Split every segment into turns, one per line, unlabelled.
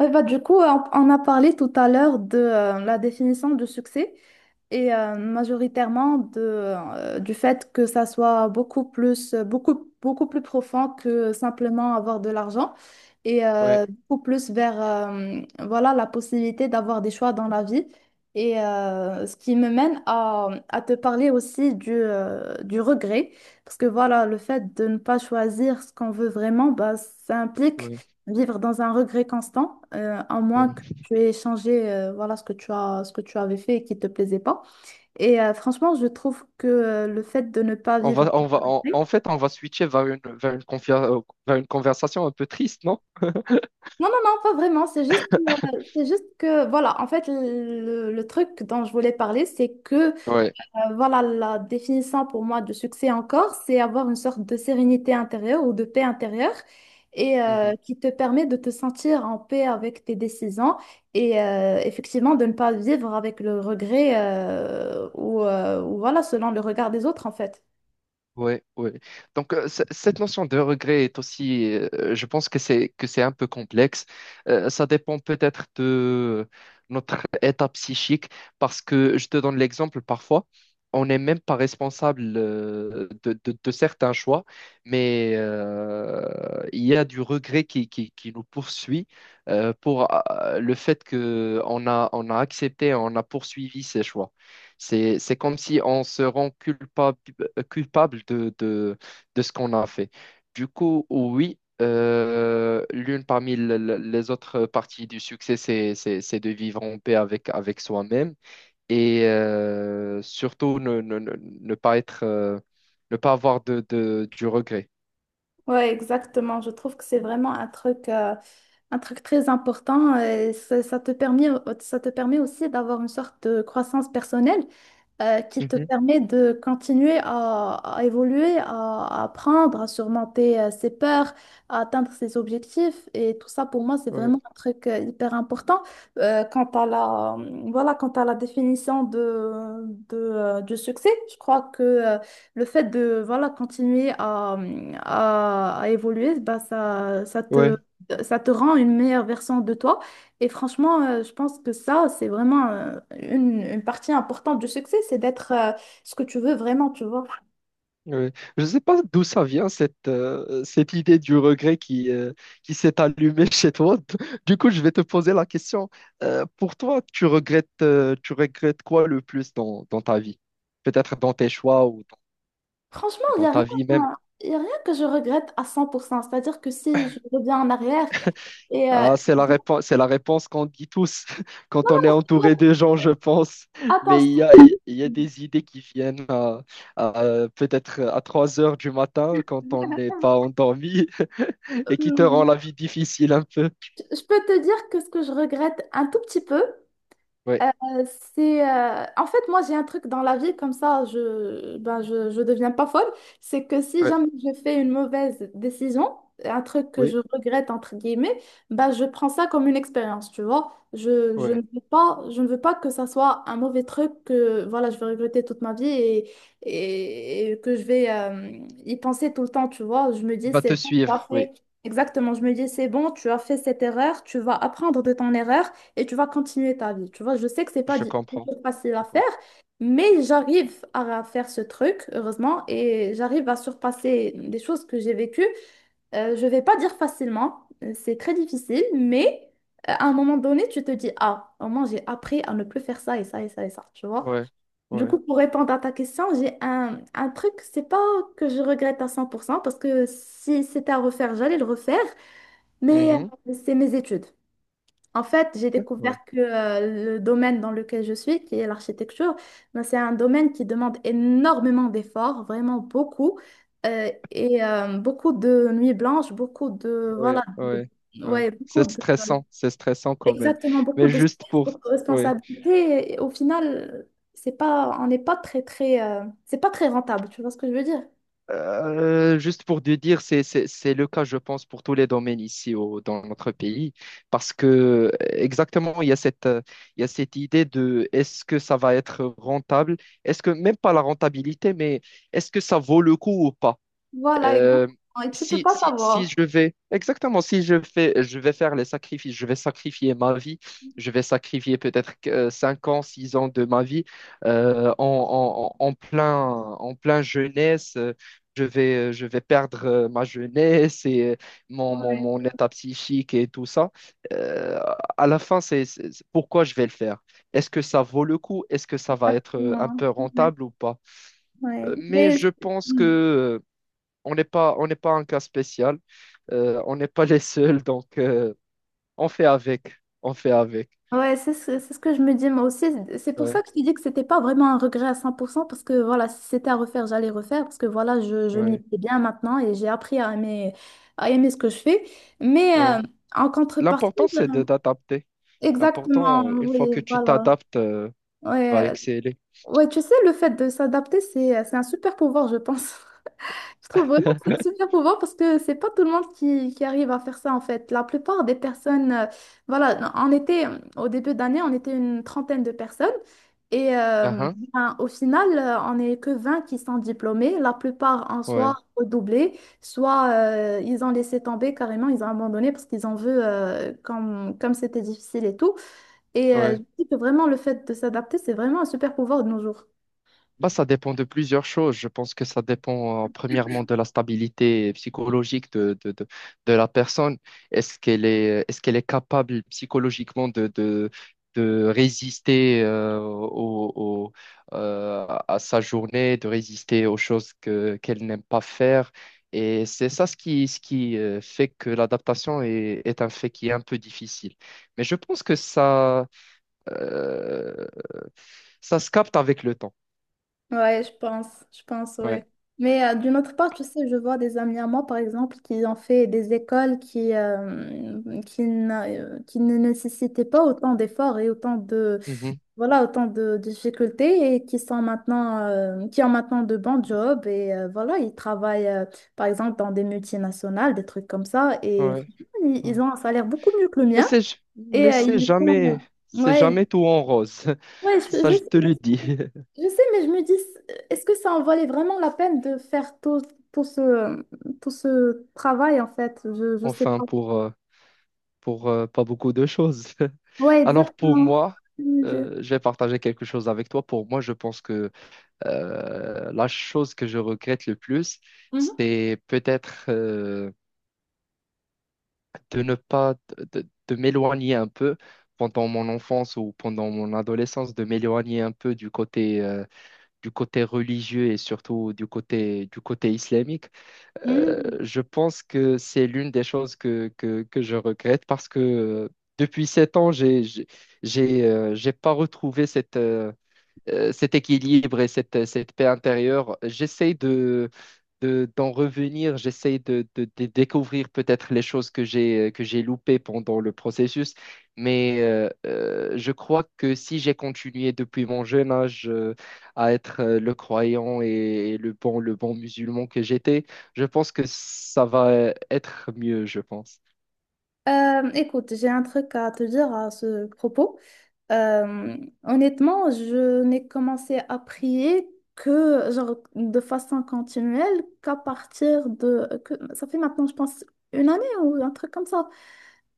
Ouais, bah, du coup, on a parlé tout à l'heure de la définition du succès et majoritairement du fait que ça soit beaucoup plus, beaucoup, beaucoup plus profond que simplement avoir de l'argent et
Ouais,
beaucoup plus vers voilà, la possibilité d'avoir des choix dans la vie. Et ce qui me mène à te parler aussi du regret. Parce que voilà, le fait de ne pas choisir ce qu'on veut vraiment, bah, ça implique
ouais,
vivre dans un regret constant, à moins que
ouais.
tu aies changé voilà, ce que tu as, ce que tu avais fait et qui ne te plaisait pas. Et franchement, je trouve que le fait de ne pas vivre.
On va, en en fait, on va switcher vers vers une conversation un peu triste, non?
Non, non, non, pas vraiment. C'est juste que, voilà, en fait, le truc dont je voulais parler, c'est que
Ouais.
voilà la définition pour moi de succès encore, c'est avoir une sorte de sérénité intérieure ou de paix intérieure, et qui te permet de te sentir en paix avec tes décisions et effectivement de ne pas vivre avec le regret, ou voilà, selon le regard des autres en fait.
Ouais, ouais. Donc cette notion de regret est aussi, je pense que c'est un peu complexe. Ça dépend peut-être de notre état psychique, parce que je te donne l'exemple parfois, on n'est même pas responsable de certains choix, mais il y a du regret qui nous poursuit pour le fait que on a accepté, on a poursuivi ces choix. C'est comme si on se rend culpable, culpable de ce qu'on a fait. Du coup, oui, l'une parmi les autres parties du succès, c'est de vivre en paix avec, avec soi-même et surtout ne pas être, ne pas avoir du regret.
Ouais, exactement. Je trouve que c'est vraiment un truc très important, et ça, ça te permet aussi d'avoir une sorte de croissance personnelle qui te
Mhm,
permet de continuer à évoluer, à apprendre, à surmonter ses peurs, à atteindre ses objectifs. Et tout ça, pour moi, c'est
ouais.
vraiment un truc hyper important. Quant à la, voilà, quant à la définition du succès, je crois que le fait de voilà, continuer à évoluer, bah,
Ouais.
ça te rend une meilleure version de toi. Et franchement, je pense que ça, c'est vraiment une partie importante du succès, c'est d'être ce que tu veux vraiment, tu vois.
Oui. Je ne sais pas d'où ça vient, cette idée du regret qui s'est allumée chez toi. Du coup, je vais te poser la question. Pour toi, tu regrettes quoi le plus dans, dans ta vie? Peut-être dans tes choix ou dans,
Franchement,
dans ta vie même.
il y a rien que je regrette à 100%. C'est-à-dire que si je reviens en arrière et
Ah,
je vais
c'est la réponse qu'on dit tous quand on est
te dire,
entouré de gens, je pense.
attends,
Mais il y a des idées qui viennent à, peut-être à 3 heures du matin quand on n'est pas endormi et qui te rend
euh,
la vie difficile un peu.
je peux te dire que ce que je regrette un tout petit peu.
Oui,
Euh, c'est en fait moi j'ai un truc dans la vie comme ça, je, ben, je deviens pas folle. C'est que si
oui,
jamais je fais une mauvaise décision, un truc que je
oui,
regrette entre guillemets, ben je prends ça comme une expérience, tu vois,
oui.
je ne veux pas que ça soit un mauvais truc que voilà je vais regretter toute ma vie. Et que je vais y penser tout le temps, tu vois, je me
Il
dis
va
c'est
te
bon, tu as
suivre, oui,
fait. Exactement, je me dis c'est bon, tu as fait cette erreur, tu vas apprendre de ton erreur et tu vas continuer ta vie. Tu vois, je sais que c'est pas
je
du
comprends.
tout facile à
Je
faire,
comprends.
mais j'arrive à faire ce truc, heureusement, et j'arrive à surpasser des choses que j'ai vécues. Je vais pas dire facilement, c'est très difficile, mais à un moment donné, tu te dis, ah, au moins j'ai appris à ne plus faire ça et ça et ça et ça, tu vois.
Ouais,
Du
ouais.
coup, pour répondre à ta question, j'ai un truc, c'est pas que je regrette à 100%, parce que si c'était à refaire, j'allais le refaire, mais
Mhm.
c'est mes études. En fait, j'ai
D'accord.
découvert que le domaine dans lequel je suis, qui est l'architecture, ben, c'est un domaine qui demande énormément d'efforts, vraiment beaucoup, beaucoup de nuits blanches, beaucoup de, voilà,
Ouais, ouais. Oui.
ouais, beaucoup de,
C'est stressant quand même.
exactement, beaucoup
Mais
de
juste
stress,
pour,
beaucoup de
ouais.
responsabilités. Et au final, c'est pas, on n'est pas très, très, c'est pas très rentable, tu vois ce que je veux dire?
Juste pour te dire, c'est le cas, je pense, pour tous les domaines ici au, dans notre pays. Parce que, exactement, il y a il y a cette idée de est-ce que ça va être rentable? Est-ce que, même pas la rentabilité, mais est-ce que ça vaut le coup ou pas?
Voilà, exactement.
Euh,
Et tu peux pas
si
savoir.
je vais, exactement, si je fais, je vais faire les sacrifices, je vais sacrifier ma vie, je vais sacrifier peut-être 5 ans, 6 ans de ma vie euh, en, en, en en plein, en plein jeunesse. Je vais perdre ma jeunesse et
Ouais,
mon état psychique et tout ça. Euh, à la fin, c'est pourquoi je vais le faire. Est-ce que ça vaut le coup? Est-ce que ça va être un
exactement.
peu
Ouais.
rentable ou pas?
Ouais.
Mais je pense
Hmm.
que on n'est pas un cas spécial. On n'est pas les seuls, donc on fait avec. On fait avec.
Ouais, c'est ce que je me dis moi aussi. C'est pour ça
Ouais,
que je te dis que c'était pas vraiment un regret à 100%, parce que voilà, si c'était à refaire, j'allais refaire parce que voilà, je m'y
ouais,
plais bien maintenant et j'ai appris à aimer ce que je fais. Mais
ouais.
en
L'important,
contrepartie,
c'est de d'adapter.
exactement,
L'important, une fois
oui,
que tu
voilà.
t'adaptes, va
Ouais,
exceller.
ouais, tu sais, le fait de s'adapter, c'est un super pouvoir, je pense. Je trouve vraiment que c'est un super pouvoir parce que c'est pas tout le monde qui arrive à faire ça en fait. La plupart des personnes, voilà, on était au début d'année, on était une trentaine de personnes et
Ah, hein.
ben, au final, on n'est que 20 qui sont diplômés. La plupart en
Ouais,
soit redoublés, soit ils ont laissé tomber carrément, ils ont abandonné parce qu'ils en veulent comme, comme c'était difficile et tout. Et
ouais.
je dis que vraiment le fait de s'adapter, c'est vraiment un super pouvoir de nos jours.
Bah, ça dépend de plusieurs choses. Je pense que ça dépend premièrement de la stabilité psychologique de la personne. Est-ce qu'elle est capable psychologiquement de résister à sa journée, de résister aux choses que, qu'elle n'aime pas faire. Et c'est ça ce qui fait que l'adaptation est, est un fait qui est un peu difficile. Mais je pense que euh, ça se capte avec le temps.
Ouais, je pense,
Ouais.
ouais. Mais d'une autre part, tu sais, je vois des amis à moi, par exemple, qui ont fait des écoles qui ne nécessitaient pas autant d'efforts et autant de,
Mhm.
voilà, autant de difficultés et qui sont maintenant, qui ont maintenant de bons jobs et voilà, ils travaillent, par exemple, dans des multinationales, des trucs comme ça et
Ouais,
franchement, ils,
ouais.
ils ont un salaire beaucoup mieux que le mien et
Mais
ils font,
c'est jamais
ouais,
tout en rose.
ouais,
Ça, je te le dis.
je sais, mais je me dis, est-ce que ça en valait vraiment la peine de faire tout, tout ce, tout ce travail, en fait? Je sais
Enfin,
pas.
pour pas beaucoup de choses.
Ouais,
Alors, pour
exactement.
moi, je vais partager quelque chose avec toi. Pour moi, je pense que la chose que je regrette le plus,
Mhm.
c'est peut-être de ne pas, de m'éloigner un peu pendant mon enfance ou pendant mon adolescence, de m'éloigner un peu du côté religieux et surtout du côté islamique,
Mhm.
je pense que c'est l'une des choses que je regrette parce que depuis 7 ans, j'ai pas retrouvé cet équilibre et cette, cette paix intérieure. J'essaie de, d'en revenir, j'essaie de, de découvrir peut-être les choses que j'ai loupées pendant le processus, mais je crois que si j'ai continué depuis mon jeune âge à être le croyant et, le bon musulman que j'étais, je pense que ça va être mieux, je pense.
Écoute, j'ai un truc à te dire à ce propos. Euh, Honnêtement, je n'ai commencé à prier que, genre, de façon continuelle, qu'à partir de. Ça fait maintenant, je pense, une année ou un truc comme ça.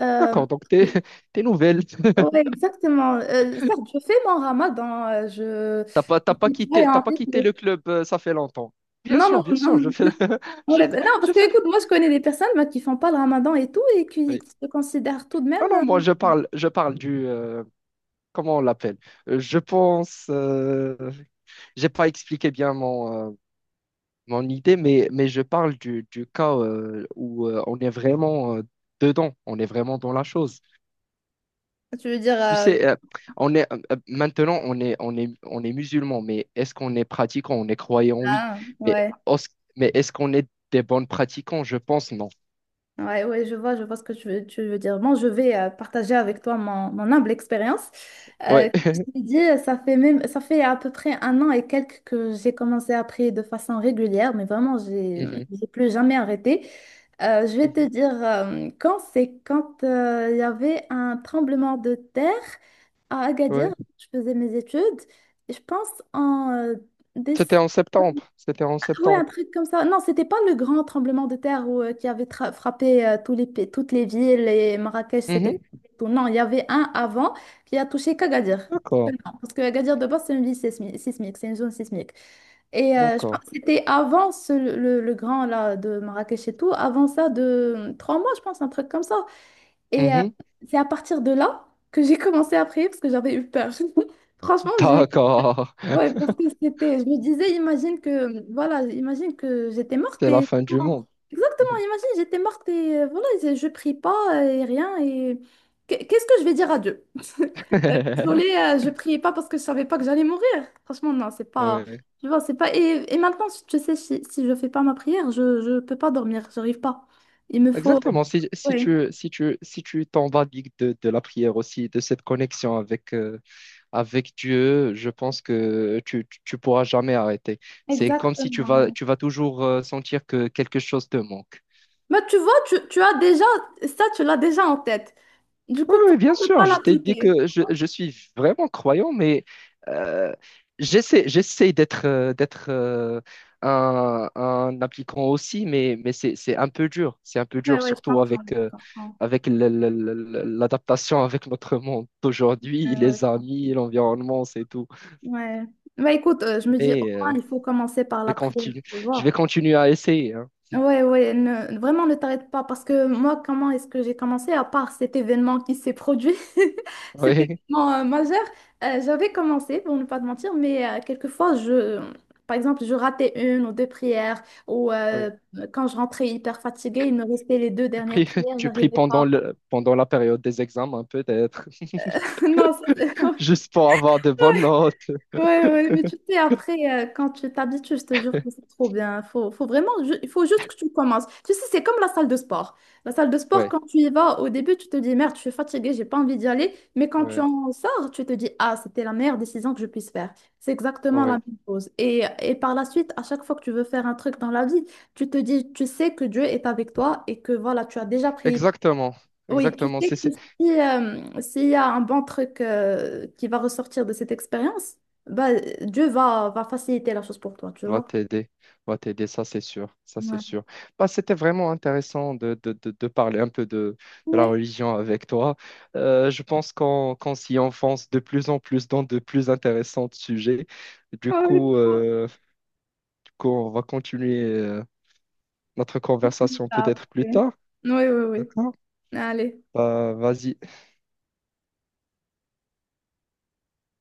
Euh,
D'accord, donc tes, tes nouvelles.
Ouais, exactement. Certes, je fais mon ramadan. euh, je je suis
T'as
croyante
pas
et
quitté
tout.
le club, ça fait longtemps.
Non, non,
Bien sûr, je
non.
fais, je,
Ouais, ben non, parce
je
que
fais.
écoute, moi je connais des personnes moi, qui font pas le ramadan et tout et qui,
Oui.
qui se considèrent tout de même.
Ah non, je parle du, comment on l'appelle? Euh, Je pense, euh, j'ai pas expliqué bien mon, mon idée, mais je parle du cas où on est vraiment dedans, on est vraiment dans la chose.
Tu veux dire.
Tu sais, on est maintenant, on est musulman, mais est-ce qu'on est pratiquant? On est croyant, oui.
Ah,
Mais,
ouais.
os- mais est-ce qu'on est des bons pratiquants? Je pense non.
Ouais, ouais, je vois ce que tu veux dire. Bon, je vais partager avec toi mon humble expérience.
Ouais.
Je t'ai dit, ça fait à peu près un an et quelques que j'ai commencé à prier de façon régulière, mais vraiment, j'ai,
Mhm.
j'ai plus jamais arrêté. Je vais te
Mhm.
dire, quand c'est quand il y avait un tremblement de terre à Agadir,
Ouais.
je faisais mes études, et je pense en décembre.
C'était en septembre. C'était en
Ouais, un
septembre.
truc comme ça. Non, c'était pas le grand tremblement de terre qui avait frappé toutes les villes et Marrakech c'était
Mhm.
tout. Non, il y avait un avant qui a touché qu'Agadir.
D'accord.
Seulement. Parce que Agadir de base, c'est une ville sismique, c'est une zone sismique. Et je
D'accord.
pense que c'était avant le grand là, de Marrakech et tout, avant ça de 3 mois, je pense, un truc comme ça. Et
Mhm.
c'est à partir de là que j'ai commencé à prier parce que j'avais eu peur. Franchement.
D'accord.
Ouais, parce que c'était, je me disais, imagine que, voilà, imagine que j'étais morte
C'est la
et.
fin du monde.
Exactement,
Mhm.
imagine, j'étais morte et voilà, je prie pas et rien et. Qu'est-ce que je vais dire à Dieu? Désolée, je priais pas parce que je savais pas que j'allais mourir. Franchement, non, c'est pas.
Ouais.
Tu vois, c'est pas. Et maintenant, je sais, si je fais pas ma prière, je peux pas dormir, j'arrive pas. Il me faut.
Exactement. Si,
Ouais.
si tu t'emballigues de la prière aussi, de cette connexion avec, avec Dieu, je pense que tu pourras jamais arrêter. C'est comme si tu vas,
Exactement.
tu vas toujours sentir que quelque chose te manque.
Mais tu vois, tu as déjà. Ça, tu l'as déjà en tête. Du
Oui,
coup,
oui, bien
pourquoi ne
sûr,
pas
je t'ai dit
l'appliquer?
que je suis vraiment croyant, mais euh, j'essaie, j'essaie d'être un appliquant aussi, mais c'est un peu dur. C'est un peu
Ouais,
dur,
ouais, je
surtout
comprends,
avec,
je
euh,
comprends.
avec le- le- le- le- l'adaptation avec notre monde d'aujourd'hui,
Ouais, ouais, je
les
comprends.
amis, l'environnement, c'est tout.
Ouais. Bah, écoute, je me dis, au
Mais
moins, il faut commencer par
je
la
vais
prière,
continuer,
tu
je vais
vois.
continuer à essayer. Hein.
Ouais, ouais, vraiment, ne t'arrête pas, parce que moi, comment est-ce que j'ai commencé, à part cet événement qui s'est produit, cet événement majeur, j'avais commencé, pour ne pas te mentir, mais quelquefois, je. Par exemple, je ratais une ou deux prières, ou
Oui, oui.
quand je rentrais hyper fatiguée, il me restait les deux
Tu
dernières
pries,
prières,
tu pries
j'arrivais pas.
pendant le, pendant la période des examens, peut-être,
Non, ça,
juste pour avoir de bonnes notes.
Ouais, ouais, mais tu sais, après, quand tu t'habitues, je te jure que c'est trop bien. Faut vraiment, il faut juste que tu commences. Tu sais, c'est comme la salle de sport. La salle de sport,
Oui.
quand tu y vas, au début, tu te dis, merde, je suis fatiguée, j'ai pas envie d'y aller. Mais quand tu
Ouais,
en sors, tu te dis, ah, c'était la meilleure décision que je puisse faire. C'est exactement la même
ouais,
chose. Et par la suite, à chaque fois que tu veux faire un truc dans la vie, tu te dis, tu sais que Dieu est avec toi et que voilà, tu as déjà pris.
exactement,
Oui, tu
exactement.
sais que si, s'il y a un bon truc qui va ressortir de cette expérience, bah, Dieu va faciliter la chose pour toi, tu
Va
vois.
t'aider, va t'aider, ça c'est sûr, ça c'est
Ouais.
sûr. Bah, c'était vraiment intéressant de parler un peu de la
Ouais,
religion avec toi. Je pense qu'on s'y enfonce de plus en plus dans de plus intéressants sujets. Du
ouais,
coup,
trop.
euh, du coup, on va continuer notre conversation
Ça,
peut-être plus
après.
tard.
Oui, oui, oui.
D'accord?
Allez.
Bah, vas-y.